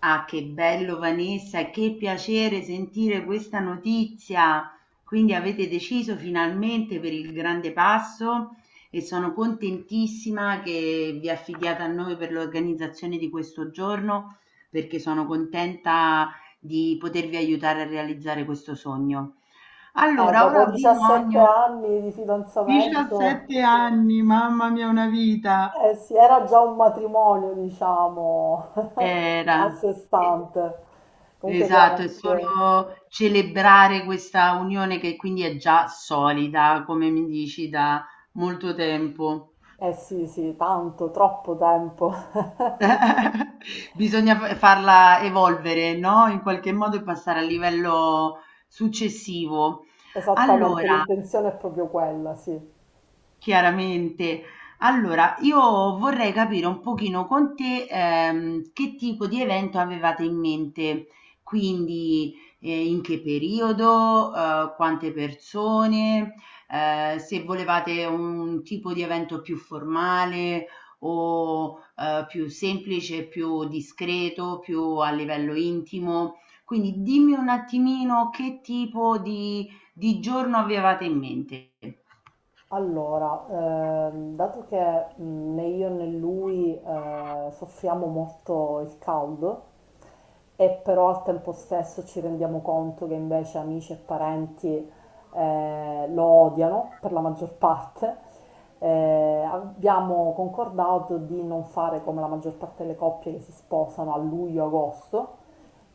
Ah, che bello Vanessa, che piacere sentire questa notizia. Quindi avete deciso finalmente per il grande passo e sono contentissima che vi affidiate a noi per l'organizzazione di questo giorno, perché sono contenta di potervi aiutare a realizzare questo sogno. Allora, Dopo ora ho 17 bisogno... anni di fidanzamento, 17 anni, mamma mia, una vita. eh sì, era già un matrimonio, diciamo, Era. a sé stante. Comunque, Esatto, è grazie. solo celebrare questa unione che quindi è già solida, come mi dici, da molto tempo. Eh sì, sì, tanto, troppo tempo. Bisogna farla evolvere, no? In qualche modo e passare al livello successivo. Esattamente, Allora, l'intenzione è proprio quella, sì. chiaramente. Allora, io vorrei capire un pochino con te che tipo di evento avevate in mente, quindi in che periodo, quante persone, se volevate un tipo di evento più formale o più semplice, più discreto, più a livello intimo. Quindi dimmi un attimino che tipo di giorno avevate in mente. Allora, dato che né io né lui soffriamo molto il caldo, e però al tempo stesso ci rendiamo conto che invece amici e parenti lo odiano per la maggior parte, abbiamo concordato di non fare come la maggior parte delle coppie che si sposano a luglio-agosto,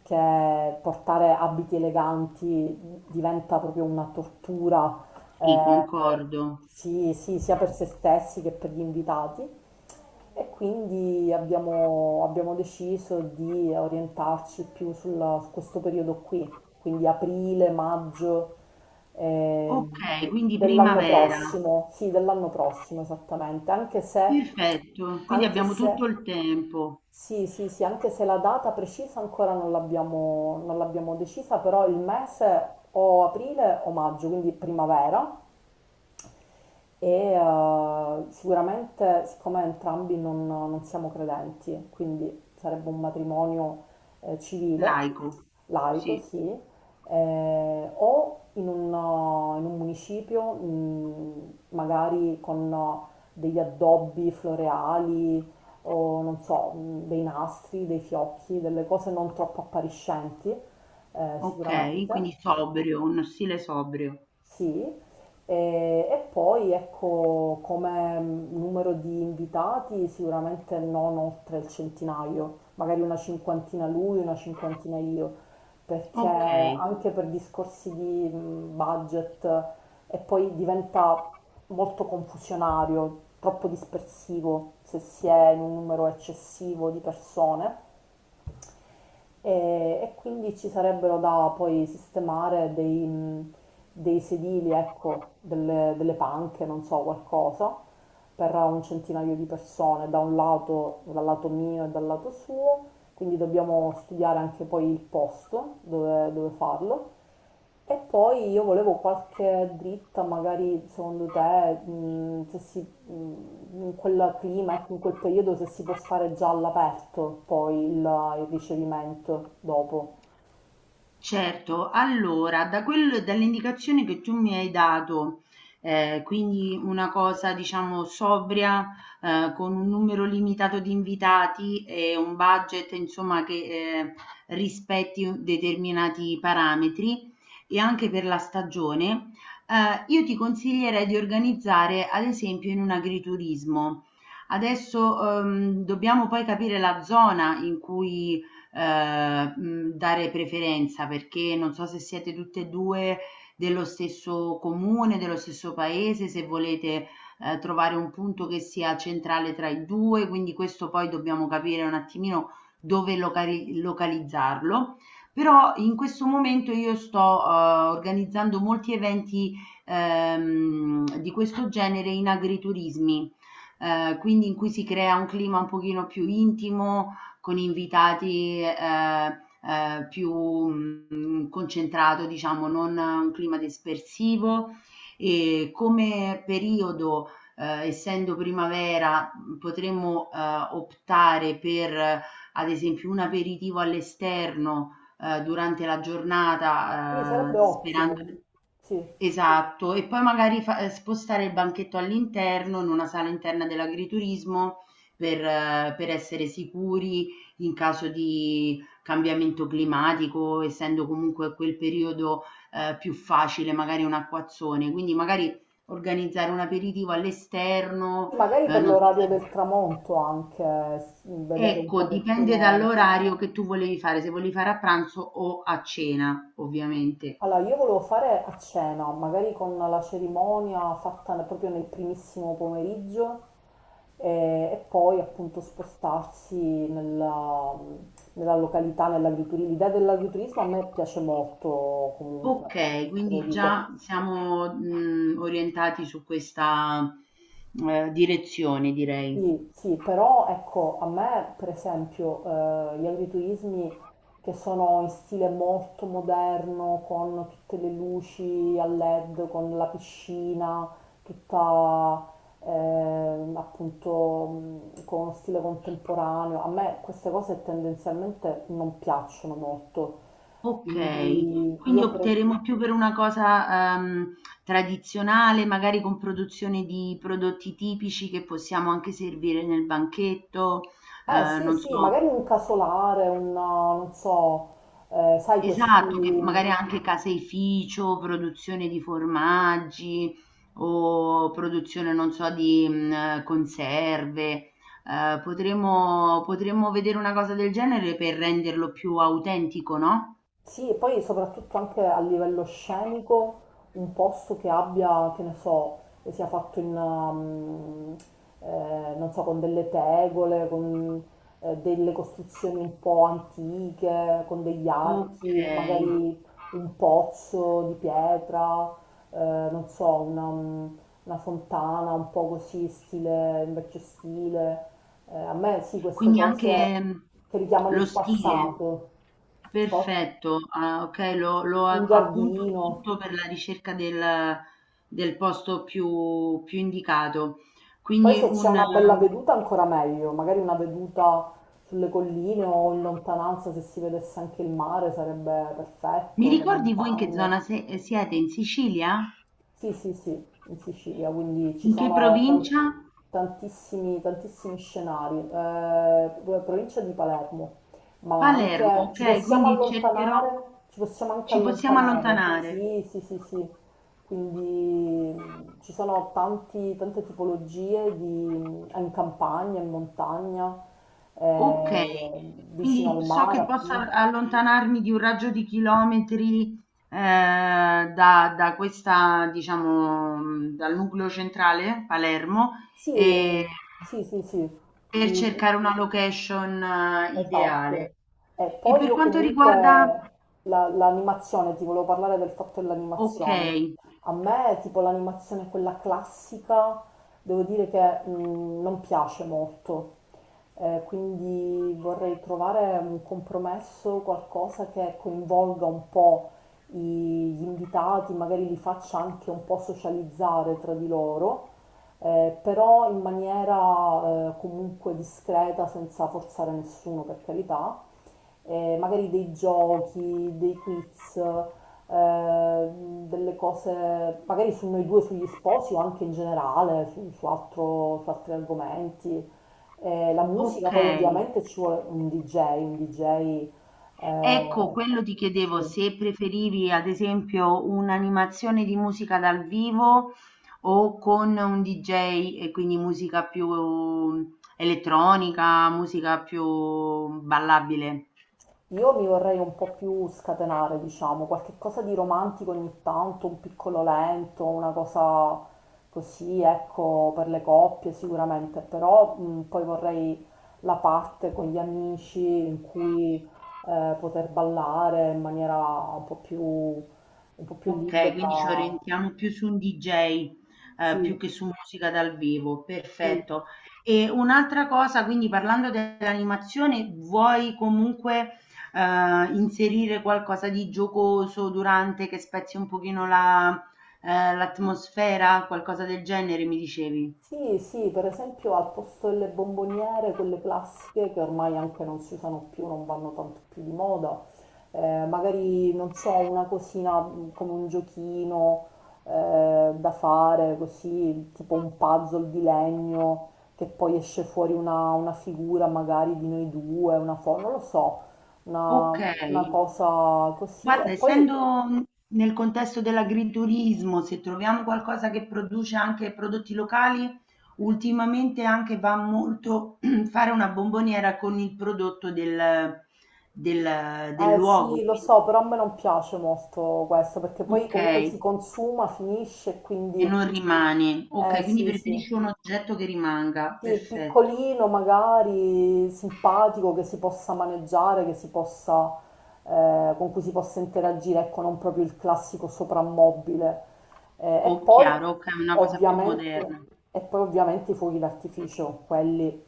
che portare abiti eleganti diventa proprio una tortura Sì, eh, concordo. sì, sì, sia per se stessi che per gli invitati e quindi abbiamo deciso di orientarci su questo periodo qui, quindi aprile, maggio eh, Ok, quindi dell'anno primavera. prossimo, sì, dell'anno prossimo esattamente, Perfetto, quindi anche abbiamo se, tutto il tempo. sì, sì, sì, anche se la data precisa ancora non l'abbiamo non l'abbiamo decisa, però il mese o aprile o maggio, quindi primavera. E sicuramente, siccome entrambi non siamo credenti, quindi sarebbe un matrimonio civile, Laico. laico, Sì, sì, o in un municipio, magari con degli addobbi floreali o non so, dei nastri, dei fiocchi, delle cose non troppo appariscenti, ok, quindi sicuramente. sobrio, uno stile sobrio. Sì, e, e poi ecco come numero di invitati sicuramente non oltre il centinaio, magari una cinquantina lui, una cinquantina io, perché Ok, anche per discorsi di budget e poi diventa molto confusionario, troppo dispersivo se si è in un numero eccessivo di persone e, e quindi ci sarebbero da poi sistemare dei sedili, ecco, delle panche, non so, qualcosa per un centinaio di persone, da un lato, dal lato mio e dal lato suo, quindi dobbiamo studiare anche poi il posto dove farlo. E poi io volevo qualche dritta, magari secondo te, se si, in quel clima, ecco, in quel periodo, se si può fare già all'aperto il ricevimento dopo. certo, allora da quel dall'indicazione che tu mi hai dato, quindi una cosa diciamo sobria, con un numero limitato di invitati e un budget insomma che, rispetti u determinati parametri e anche per la stagione, io ti consiglierei di organizzare ad esempio in un agriturismo. Adesso, dobbiamo poi capire la zona in cui dare preferenza, perché non so se siete tutte e 2 dello stesso comune, dello stesso paese, se volete, trovare un punto che sia centrale tra i 2, quindi questo poi dobbiamo capire un attimino dove localizzarlo. Però in questo momento io sto, uhm, organizzando molti eventi, di questo genere in agriturismi, quindi in cui si crea un clima un pochino più intimo, con invitati più concentrato, diciamo, non un clima dispersivo. E come periodo, essendo primavera, potremmo optare per, ad esempio, un aperitivo all'esterno durante la Sì, giornata, sarebbe sperando... ottimo. Sì. Esatto, e poi magari fa spostare il banchetto all'interno, in una sala interna dell'agriturismo per essere sicuri in caso di cambiamento climatico, essendo comunque quel periodo, più facile magari un acquazzone. Quindi magari organizzare un aperitivo all'esterno, Sì, magari per non si l'orario sa del tramonto anche, vedere un ecco, dipende pochettino. dall'orario che tu volevi fare, se volevi fare a pranzo o a cena, ovviamente. Allora, io volevo fare a cena, magari con la cerimonia fatta proprio nel primissimo pomeriggio e, poi appunto spostarsi nella, nella località, nell'agriturismo. L'idea dell'agriturismo a me piace molto comunque, Okay, te lo quindi dico. già siamo, mhmm, orientati su questa, direzione direi. Sì, sì, però ecco, a me per esempio gli agriturismi che sono in stile molto moderno, con tutte le luci a LED, con la piscina, tutta appunto con uno stile contemporaneo, a me queste cose tendenzialmente non piacciono molto, Okay, quindi quindi opteremo più per una cosa, tradizionale, magari con produzione di prodotti tipici che possiamo anche servire nel banchetto, eh sì, non sì, so. magari un casolare, una, non so, sai questi... Esatto, che magari anche caseificio, produzione di formaggi o produzione, non so, di mhmm, conserve. Potremmo vedere una cosa del genere per renderlo più autentico, no? Sì, e poi soprattutto anche a livello scenico, un posto che abbia, che ne so, che sia fatto non so, con delle tegole, con delle costruzioni un po' antiche, con degli archi, Okay, magari un pozzo di pietra, eh, non so, una fontana un po' così, stile, in vecchio stile. A me sì, queste quindi cose anche, mhmm, che richiamano lo il stile. passato. Cosa? Perfetto, ah, okay, lo lo Un a appunto giardino. tutto per la ricerca del posto più indicato. Poi Quindi se c'è un una bella veduta ancora meglio, magari una veduta sulle colline o in lontananza se si vedesse anche il mare sarebbe mi perfetto, le ricordi voi in che montagne. zona siete? In Sicilia? Sì, sì, sì, in Sicilia, quindi In che provincia? tantissimi, tantissimi scenari. Provincia di Palermo, ma Palermo, anche ci ok, possiamo quindi cercherò, allontanare, ci possiamo anche ci possiamo allontanare. allontanare. Sì, sì, sì, sì. Quindi ci sono tante tipologie in campagna, in montagna, Ok, eh, vicino quindi al so mare, che posso appunto. allontanarmi di un raggio di chilometri da, da questa, diciamo, dal nucleo centrale, Palermo, e- Sì, sì, sì, sì. Sì, per cercare una location esatto. ideale. E E poi per io quanto comunque riguarda, l'animazione, ti volevo parlare del fatto ok. dell'animazione. A me tipo l'animazione quella classica, devo dire che non piace molto. Quindi vorrei trovare un compromesso, qualcosa che coinvolga un po' i- gli invitati, magari li faccia anche un po' socializzare tra di loro però in maniera comunque discreta, senza forzare nessuno per carità, magari dei giochi, dei quiz, eh, delle cose, magari su noi due, sugli sposi o anche in generale, su, su altri argomenti. La musica poi Okay. ovviamente ci vuole un DJ, un DJ... Ecco, eh, quello ti chiedevo sì. se preferivi ad esempio un'animazione di musica dal vivo o con un DJ e quindi musica più elettronica, musica più ballabile. Io mi vorrei un po' più scatenare, diciamo, qualche cosa di romantico ogni tanto, un piccolo lento, una cosa così, ecco, per le coppie sicuramente, però poi vorrei la parte con gli amici in cui poter ballare in maniera un po' più Okay, quindi ci libera. orientiamo più su un DJ, Sì, più che su musica dal vivo, sì. perfetto. E un'altra cosa, quindi parlando dell'animazione, vuoi comunque, inserire qualcosa di giocoso durante, che spezzi un pochino la l'atmosfera? Qualcosa del genere mi dicevi? Sì, sì, per esempio al posto delle bomboniere, quelle classiche che ormai anche non si usano più, non vanno tanto più di moda, magari non so, una cosina come un giochino da fare così, tipo un puzzle di legno che poi esce fuori una figura magari di noi due, una foto, non lo so, una, una Okay. cosa così e Guarda, poi essendo nel contesto dell'agriturismo, se troviamo qualcosa che produce anche prodotti locali, ultimamente anche va molto fare una bomboniera con il prodotto del, del eh luogo. sì, lo so, Quindi, però a me non piace molto questo perché poi ok, comunque si e consuma, finisce, quindi non rimane. eh Ok, quindi sì, sì. preferisco un oggetto che rimanga. Sì, Perfetto. piccolino, magari simpatico, che si possa maneggiare, con cui si possa interagire, ecco, non proprio il classico soprammobile. Eh, e O poi chiaro, ok, una cosa più ovviamente, moderna. e poi ovviamente i fuochi d'artificio, quelli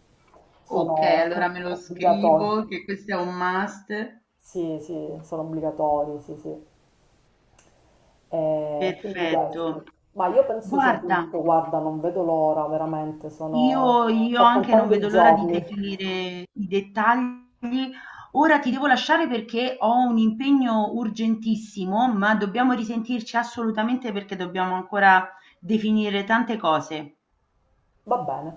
Ok, sono allora me lo obbligatori. scrivo che questo è un must. Sì, sì, sono obbligatori, sì, sì. E quindi Perfetto. questo. Ma io penso sia Guarda. tutto, guarda, non vedo l'ora, veramente, sono... Io sto anche non contando i vedo l'ora di giorni. definire i dettagli. Ora ti devo lasciare perché ho un impegno urgentissimo, ma dobbiamo risentirci assolutamente perché dobbiamo ancora definire tante cose. Va bene.